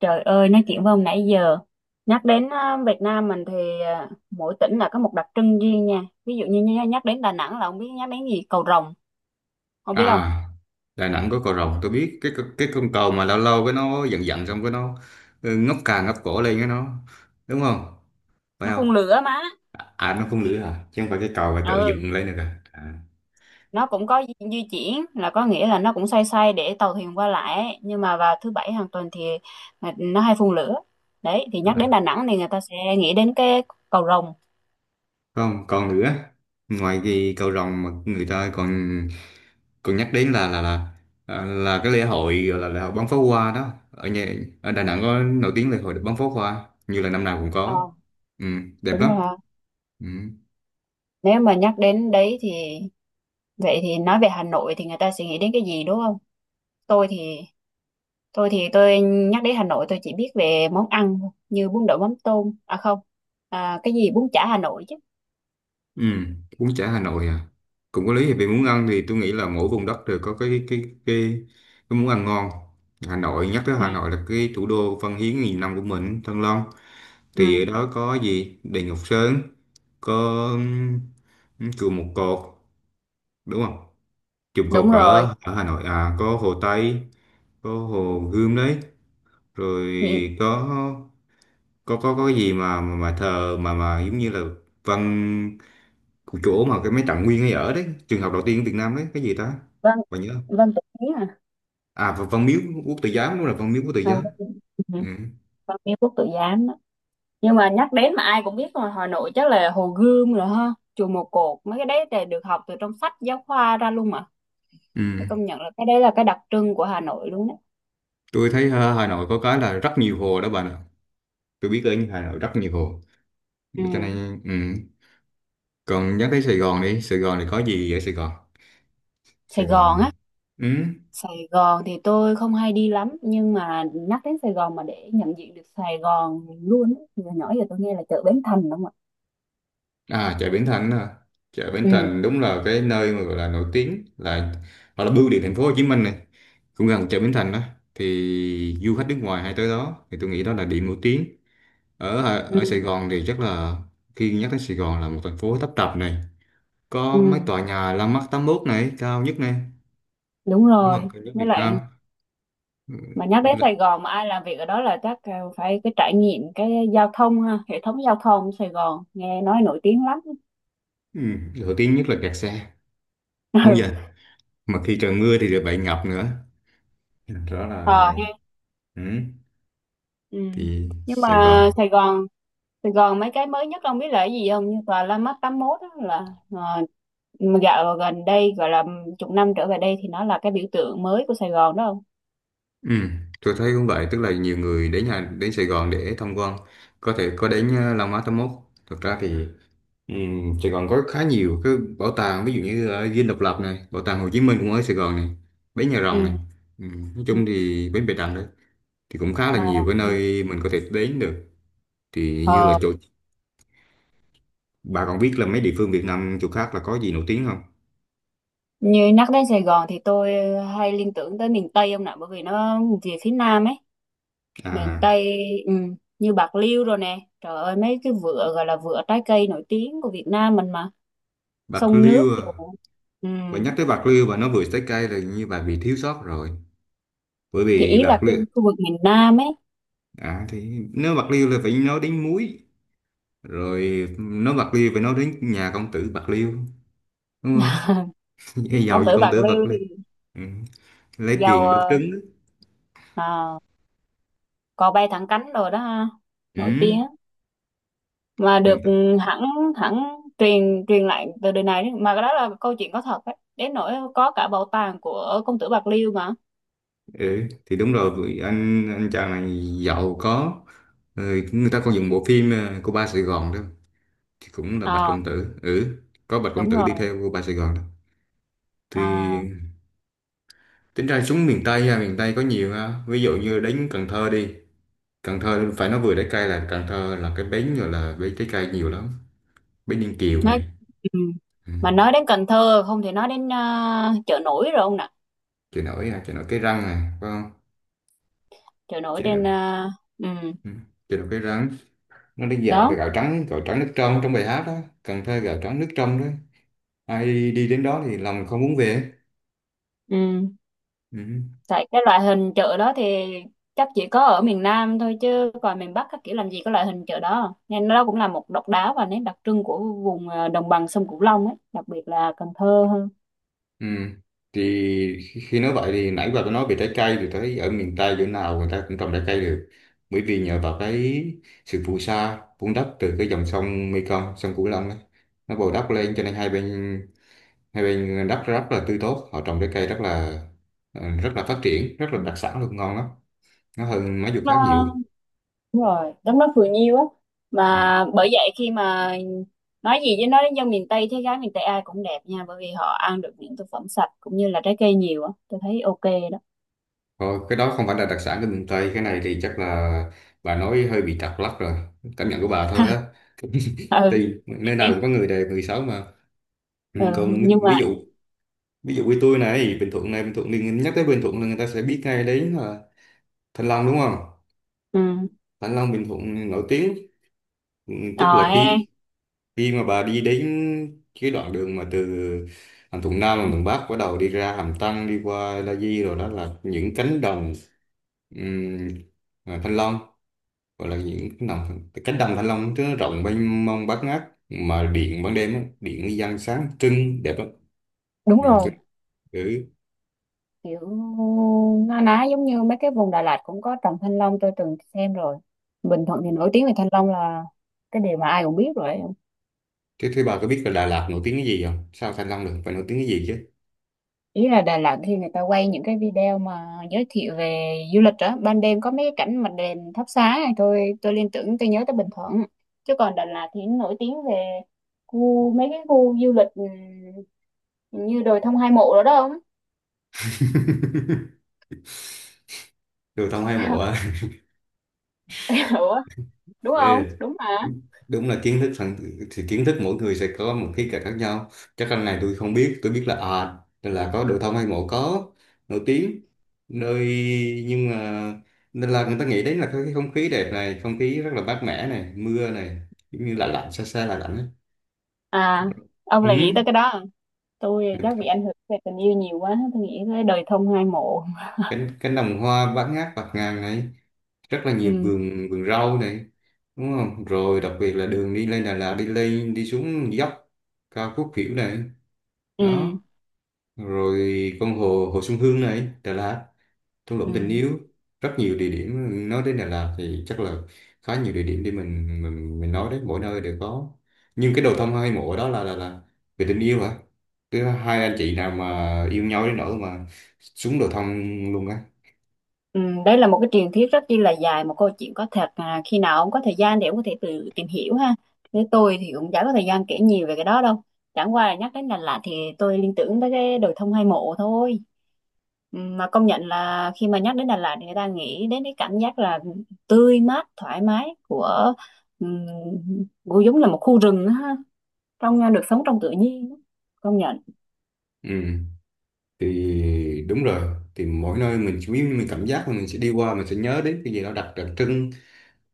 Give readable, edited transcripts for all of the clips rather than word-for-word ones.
Trời ơi, nói chuyện với ông nãy giờ. Nhắc đến Việt Nam mình thì mỗi tỉnh là có một đặc trưng riêng nha. Ví dụ như nhắc đến Đà Nẵng là ông biết nhắc đến gì? Cầu Rồng. Ông biết không? À, Đà Nẵng có cầu rồng tôi biết cái con cầu mà lâu lâu cái nó giận giận xong cái nó ngóc cổ lên cái nó đúng không? Phải Nó không? phun lửa mà. Nó không nữa à, chứ không phải cái cầu mà tự Ừ, dựng lên được. nó cũng có di di chuyển, là có nghĩa là nó cũng xoay xoay để tàu thuyền qua lại ấy. Nhưng mà vào thứ bảy hàng tuần thì nó hay phun lửa. Đấy, thì nhắc đến Đà À. Nẵng thì người ta sẽ nghĩ đến cái cầu Rồng. Không còn nữa, ngoài cái cầu rồng mà người ta còn còn nhắc đến là cái lễ hội, gọi là lễ hội bắn pháo hoa đó, ở Đà Nẵng có nổi tiếng lễ hội bắn pháo hoa, như là năm nào cũng Ờ, có. Ừ, đẹp đúng lắm. rồi hả? Ừ. Nếu mà nhắc đến đấy thì vậy thì nói về Hà Nội thì người ta sẽ nghĩ đến cái gì đúng không? Tôi thì Tôi thì tôi nhắc đến Hà Nội tôi chỉ biết về món ăn thôi, như bún đậu mắm tôm, à không, à, cái gì bún chả Hà Nội chứ. Ừ, bún chả Hà Nội à. Cũng có lý, vì muốn ăn thì tôi nghĩ là mỗi vùng đất đều có cái cái muốn ăn ngon. Hà Nội, nhắc tới Ừ, Hà Nội là cái thủ đô văn hiến nghìn năm của mình, Thăng Long. Thì ừ, ở đó có gì? Đền Ngọc Sơn, có chùa Một Cột, đúng không? Chùa Một đúng Cột rồi. ở ở Hà Nội à, có Hồ Tây, có Hồ Gươm đấy, rồi Nhị- có có cái gì mà mà thờ, mà giống như là văn cái chỗ mà cái mấy Trạng Nguyên ấy ở đấy, trường học đầu tiên ở Việt Nam đấy, cái gì ta, Vâng, bạn nhớ không? vâng tự Ý à. À, và Văn Miếu Quốc Tử Giám, đúng là Văn Miếu Quốc Tử À, vâng, Giám. vâng, ừ, Ừ. vâng Ý Quốc Tử Giám đó. Nhưng mà nhắc đến mà ai cũng biết rồi, Hà Nội chắc là Hồ Gươm rồi ha, chùa Một Cột, mấy cái đấy thì được học từ trong sách giáo khoa ra luôn mà. Ừ. Phải công nhận là cái đấy là cái đặc trưng của Hà Nội luôn đó. Tôi thấy Hà Nội có cái là rất nhiều hồ đó bạn ạ, tôi biết ở Hà Nội rất nhiều hồ Ừ, cho nên ừ. Còn nhắc tới Sài Gòn, đi Sài Gòn thì có gì vậy Sài Gòn? Sài Sài Gòn Gòn. á. Ừ. Sài Gòn thì tôi không hay đi lắm nhưng mà nhắc đến Sài Gòn mà để nhận diện được Sài Gòn luôn á, thì hồi nhỏ giờ tôi nghe là chợ Bến Thành đúng không ạ? À, chợ Bến Thành à. Chợ Bến Ừ, Thành đúng là cái nơi mà gọi là nổi tiếng, là hoặc là bưu điện thành phố Hồ Chí Minh này cũng gần chợ Bến Thành đó, thì du khách nước ngoài hay tới đó thì tôi nghĩ đó là điểm nổi tiếng ở ừ, ở Sài Gòn thì chắc là. Khi nhắc đến Sài Gòn là một thành phố tấp nập này, ừ, có mấy tòa nhà Landmark 81 này, cao nhất này, đúng đúng rồi. không, cao nhất Với Việt lại Nam. Ừ, mà nhắc đến với lại- Sài Gòn mà ai làm việc ở đó là chắc phải cái trải nghiệm cái giao thông ha, hệ thống giao thông Sài Gòn nghe nói nổi tiếng lắm. ừ, nổi tiếng nhất là kẹt xe đúng giờ, Ừ. mà khi trời mưa thì lại bị ngập nữa, đó Ờ, là ha. ừ, Ừ. thì Nhưng Sài mà Gòn. Sài Gòn mấy cái mới nhất ông biết là cái gì không? Như tòa Landmark 81 đó là, dạo gần đây gọi là chục năm trở về đây thì nó là cái biểu tượng mới của Sài Gòn đó không? Ừ, tôi thấy cũng vậy, tức là nhiều người đến Sài Gòn để tham quan, có thể có đến Landmark 81, thực ra thì. Ừ, Sài Gòn có khá nhiều cái bảo tàng, ví dụ như ở Dinh Độc Lập này, bảo tàng Hồ Chí Minh cũng ở Sài Gòn này, bến Nhà Rồng Ừ. này, ừ, nói Ừ. chung thì bến Bạch Đằng đấy, thì cũng khá là Mà nhiều cái nơi mình có thể đến được. Thì như là ờ, chỗ bà còn biết là mấy địa phương Việt Nam chỗ khác là có gì nổi tiếng không? như nhắc đến Sài Gòn thì tôi hay liên tưởng tới miền Tây ông nè, bởi vì nó về phía Nam ấy, miền À, Tây, ừ, như Bạc Liêu rồi nè, trời ơi, mấy cái vựa gọi là vựa trái cây nổi tiếng của Việt Nam mình mà, Bạc sông nước Liêu à. rồi, ừ. Bà nhắc tới Bạc Liêu, bà nói vừa trái cây là như bà bị thiếu sót rồi, bởi Thì vì ý là Bạc cái Liêu. khu vực miền Nam ấy. À, thì nếu Bạc Liêu là phải nói đến muối, rồi nói Bạc Liêu phải nói đến nhà công tử Bạc Liêu, đúng không? Ông Giàu gì tử công Bạc tử Bạc Liêu Liêu. thì Ừ. Lấy giàu, tiền đốt trứng á. à, cò bay thẳng cánh rồi đó ha, nổi Ừ. tiếng, mà được, Hiện tại, ừ, hẳn hẳn, truyền truyền lại từ đời này đến- mà cái đó là câu chuyện có thật đấy, đến nỗi có cả bảo tàng của công tử Bạc Liêu mà. ừ. Thì đúng rồi, vì anh chàng này giàu có. Ừ. Người ta còn dùng bộ phim cô ba Sài Gòn đó, thì cũng là Bạch Ờ, Công Tử. Ừ. Có Bạch Công đúng Tử rồi. đi theo cô ba Sài Gòn đó, À, thì tính ra xuống miền Tây ha, miền Tây có nhiều ha. Ví dụ như đến Cần Thơ đi, Cần Thơ phải nói vừa trái cây, là Cần Thơ là cái bến, rồi là bến trái cây nhiều lắm, bến Ninh Kiều nói, này. ừ. Ừ. Mà nói đến Cần Thơ không thể nói đến chợ nổi rồi ông nè. Chợ nổi à, chợ nổi Cái Răng này phải không? Chợ nổi Chợ nổi. trên, à, ừ, Ừ. Chợ nổi Cái Răng, nó đi dạo được, đó, gạo trắng, gạo trắng nước trong, trong bài hát đó. Cần Thơ gạo trắng nước trong đó, ai đi đến đó thì lòng không muốn về. ừ. Ừ. Tại cái loại hình chợ đó thì chắc chỉ có ở miền Nam thôi chứ còn miền Bắc các kiểu làm gì có loại hình chợ đó, nên nó cũng là một độc đáo và nét đặc trưng của vùng, đồng bằng sông Cửu Long ấy, đặc biệt là Cần Thơ hơn. Ừ. Thì khi khi nói vậy thì nãy bà có nói về trái cây, thì thấy ở miền Tây chỗ nào người ta cũng trồng trái cây được, bởi vì nhờ vào cái sự phù sa vun đắp từ cái dòng sông Mekong, sông Cửu Long ấy, nó bồi đắp lên, cho nên hai bên, hai bên đất rất là tươi tốt, họ trồng trái cây rất là rất là phát triển, rất là đặc sản luôn, ngon lắm, nó hơn mấy vùng khác nhiều. Nó đúng rồi, đúng, nó cười nhiêu á. Ừ. Mà bởi vậy khi mà nói gì với nói đến dân miền Tây, thấy gái miền Tây ai cũng đẹp nha, bởi vì họ ăn được những thực phẩm sạch cũng như là trái cây nhiều á, tôi thấy ok đó. Thôi, cái đó không phải là đặc sản của miền Tây, cái này thì chắc là bà nói hơi bị trật lắc rồi, cảm nhận của bà thôi á. Ừ, Thì nơi nào cũng có người đẹp người xấu mà. Ừ, ừ, còn nhưng mà ví dụ như tôi này, Bình Thuận này, Bình Thuận thì nhắc tới Bình Thuận là người ta sẽ biết ngay đến là Thanh Long, đúng không? ừ. Thanh Long Bình Thuận nổi tiếng. Ừ, Ờ tức là ha. khi khi mà bà đi đến cái đoạn đường mà từ Hàm Thuận Nam, Hàm Thuận Bắc, bắt đầu đi ra Hàm Tân, đi qua La Di rồi, đó là những cánh đồng ừm, Thanh Long, gọi là những cái đồng cánh đồng Thanh Long, nó rộng mênh mông bát ngát. Mà điện ban đêm á, điện đi dân sáng trưng đẹp lắm, Đúng nhìn rồi. trưng. Ừ. Kiểu na ná giống như mấy cái vùng Đà Lạt cũng có trồng thanh long, tôi từng xem rồi. Bình Thuận thì nổi tiếng về thanh long là cái điều mà ai cũng biết rồi. thế thế bà có biết là Đà Lạt nổi tiếng cái gì không? Sao Thanh Long được, phải nổi tiếng cái gì chứ. Ý là Đà Lạt khi người ta quay những cái video mà giới thiệu về du lịch đó, ban đêm có mấy cái cảnh mà đèn thắp sáng này, thôi tôi liên tưởng tôi nhớ tới Bình Thuận, chứ còn Đà Lạt thì nổi tiếng về khu, mấy cái khu du lịch, như đồi thông hai mộ đó đó không? Tôi không hay Sao? mộ. Ủa, đúng không, Ừ. đúng mà. Đúng là kiến thức, phần thì kiến thức mỗi người sẽ có một khía cạnh khác nhau. Chắc anh này tôi không biết, tôi biết là là có đồ thông hay mộ có nổi tiếng nơi, nhưng mà nên là người ta nghĩ đến là cái không khí đẹp này, không khí rất là mát mẻ này, mưa này, giống như là lạnh, xa xa là lạnh ấy. À, ông là Ừ. nghĩ tới cái đó à? Tôi chắc bị ảnh hưởng về tình yêu nhiều quá, tôi nghĩ tới đời thông hai mộ. Cánh cánh đồng hoa bát ngát bạt ngàn này, rất là nhiều Ừ, vườn vườn rau này, đúng không? Rồi đặc biệt là đường đi lên Đà Lạt đi lên đi xuống dốc cao khúc kiểu này. ừ, Đó rồi con hồ, hồ Xuân Hương này, Đà Lạt, thung ừ. lũng tình yêu, rất nhiều địa điểm. Nói đến Đà Lạt thì chắc là khá nhiều địa điểm để mình mình nói đấy, mỗi nơi đều có. Nhưng cái đầu tâm hai mộ đó là về tình yêu hả? Cái hai anh chị nào mà yêu nhau đến nỗi mà xuống đầu thăm luôn á. Ừ, đây là một cái truyền thuyết rất chi là dài, một câu chuyện có thật, khi nào ông có thời gian để ông có thể tự tìm hiểu ha, với tôi thì cũng chả có thời gian kể nhiều về cái đó đâu, chẳng qua là nhắc đến Đà Lạt thì tôi liên tưởng tới cái đồi thông hai mộ thôi. Ừ, mà công nhận là khi mà nhắc đến Đà Lạt thì người ta nghĩ đến cái cảm giác là tươi mát thoải mái của, um, của giống là một khu rừng á ha, trong, được sống trong tự nhiên, công nhận. Ừ thì đúng rồi, thì mỗi nơi mình nếu như mình cảm giác là mình sẽ đi qua, mình sẽ nhớ đến cái gì đó đặc đặc trưng.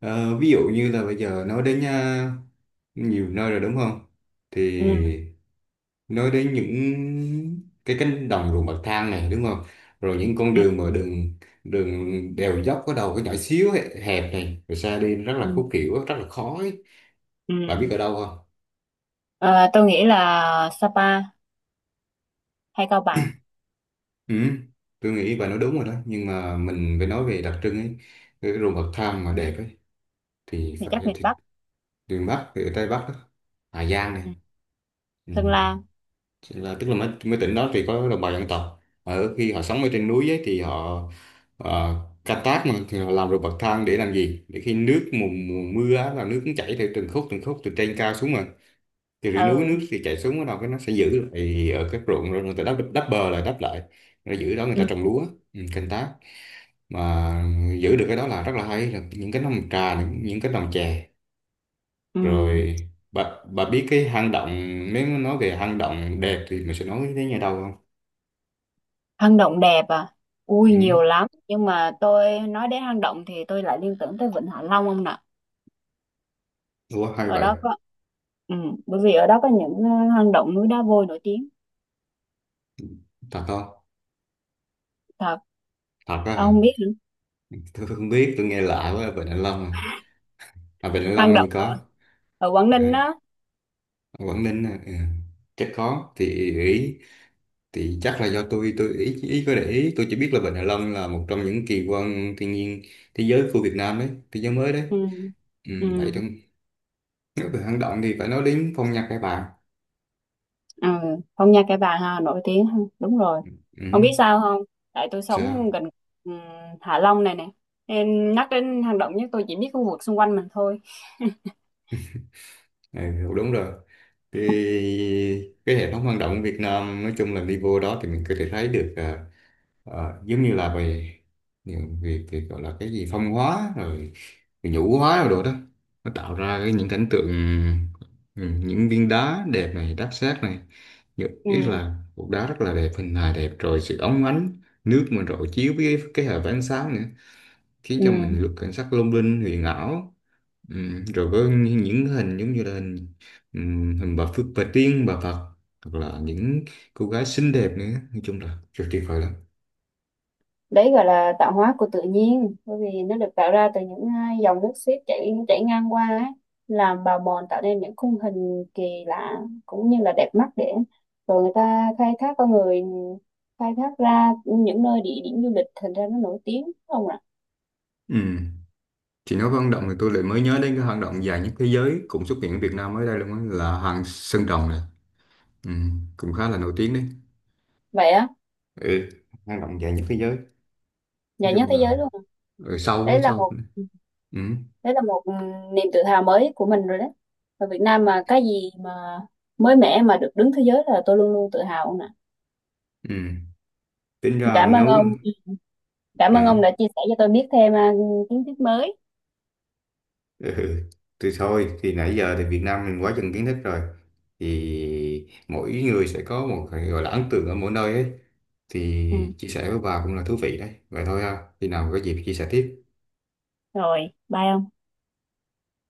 Ví dụ như là bây giờ nói đến nhiều nơi rồi, đúng không? Thì Ừ, nói đến những cái cánh đồng ruộng bậc thang này, đúng không? Rồi những con ừ, đường mà đường đường đèo dốc có đầu có nhỏ xíu hẹp này, rồi xa đi rất ừ, là khúc khuỷu, rất là khó ấy. ừ. Bạn biết ở đâu không? Ờ, tôi nghĩ là Sapa hay Cao Bằng, Ừ, tôi nghĩ bà nói đúng rồi đó, nhưng mà mình phải nói về đặc trưng ấy, cái ruộng bậc thang mà đẹp ấy thì thì phải, chắc miền thì Bắc. miền Bắc thì ở Tây Bắc đó. Hà Giang này. Ừ. Ừ. Sơn La. Chỉ là tức là mấy tỉnh đó thì có đồng bào dân tộc ở, khi họ sống ở trên núi ấy thì họ ờ, canh tác, mà thì họ làm ruộng bậc thang để làm gì, để khi mùa mưa á, là nước cũng chảy theo từng khúc, từng khúc từ trên cao xuống, mà thì dưới núi Ừ. nước thì chảy xuống, bắt đầu cái nó sẽ giữ lại ở các ruộng, rồi người ta đắp đắp bờ lại, đắp lại, rồi giữ đó người ta Ừ. trồng lúa. Ừ, canh tác. Mà giữ được cái đó là rất là hay, là những cái nồng trà, những cái nồng chè. Ừ. Rồi bà biết cái hang động, nếu nói về hang động đẹp thì mình sẽ nói đến nhà đâu không? Hang động đẹp à? Ừ. Ui nhiều lắm, nhưng mà tôi nói đến hang động thì tôi lại liên tưởng tới Vịnh Hạ Long ông nè. Ủa hay Ở vậy, đó có, ừ, bởi vì ở đó có những hang động núi đá vôi nổi tiếng. thật không? Thật. Thật á hả? Ông không biết hả? Tôi không biết, tôi nghe lạ quá. Vịnh Hạ Long à. À, Vịnh Hạ Hang Long như động ở, có. ở Quảng Ninh À, đó. Quảng Ninh à. Ừ. Chắc có thì. Ý thì chắc là do tôi ý ý có để ý, tôi chỉ biết là Vịnh Hạ Long là một trong những kỳ quan thiên nhiên thế giới của Việt Nam đấy, thế giới mới đấy. Ừ, Ừ, ừ, vậy thôi. Nếu về hang động thì phải nói đến phong nhạc các bạn. ừ. Phong Nha Kẻ Bàng ha, nổi tiếng ha. Đúng rồi. Ừ, Ông biết sao không, tại tôi sống sao? gần, ừ, Hạ Long này nè, nên nhắc đến hang động nhất tôi chỉ biết khu vực xung quanh mình thôi. Ừ, đúng rồi. Cái, cái hệ thống hang động của Việt Nam nói chung là đi vô đó thì mình có thể thấy được giống như là về những việc thì gọi là cái gì phong hóa rồi, rồi nhũ hóa rồi đồ đó. Nó tạo ra cái những cảnh tượng ừ, những viên đá đẹp này, đáp xác này. Nhất Ừ, ý là cục đá rất là đẹp, hình hài đẹp, rồi sự óng ánh nước mà rọi chiếu với cái hệ ánh sáng nữa, khiến cho ừ. mình rất cảnh sắc lung linh huyền ảo. Rồi có những hình giống như là hình hình bà Phước bà Tiên bà Phật, hoặc là những cô gái xinh đẹp nữa, nói chung là rất tuyệt vời lắm. Đấy gọi là tạo hóa của tự nhiên, bởi vì nó được tạo ra từ những dòng nước xiết chảy chảy ngang qua ấy, làm bào mòn tạo nên những khung hình kỳ lạ cũng như là đẹp mắt, để rồi người ta khai thác, con người khai thác ra những nơi địa điểm du lịch, thành ra nó nổi tiếng đúng không ạ. Ừm, Thì nói về hang động thì tôi lại mới nhớ đến cái hoạt động dài nhất thế giới cũng xuất hiện ở Việt Nam mới đây luôn á, là hàng Sơn Đồng này, cũng khá là nổi tiếng đấy. Vậy á? Ừ, hang động dài nhất thế giới, nói Nhà nhất chung thế là giới luôn à? ở sâu, ở đấy là sâu một nữa. Ừm. Đấy là một, niềm tự hào mới của mình rồi đấy. Ở Việt Nam mà cái gì mà mới mẻ mà được đứng thế giới là tôi luôn luôn tự hào nè. Ừm. Tính ra Cảm ơn nấu. ông. Cảm ơn Ừ. ông đã chia sẻ cho tôi biết thêm, kiến thức mới. Ừ. Ừ. Thì thôi thì nãy giờ thì Việt Nam mình quá chừng kiến thức rồi, thì mỗi người sẽ có một cái gọi là ấn tượng ở mỗi nơi ấy, Ừ, thì chia sẻ với bà cũng là thú vị đấy, vậy thôi ha, khi nào có dịp chia sẻ tiếp. rồi, bye ông.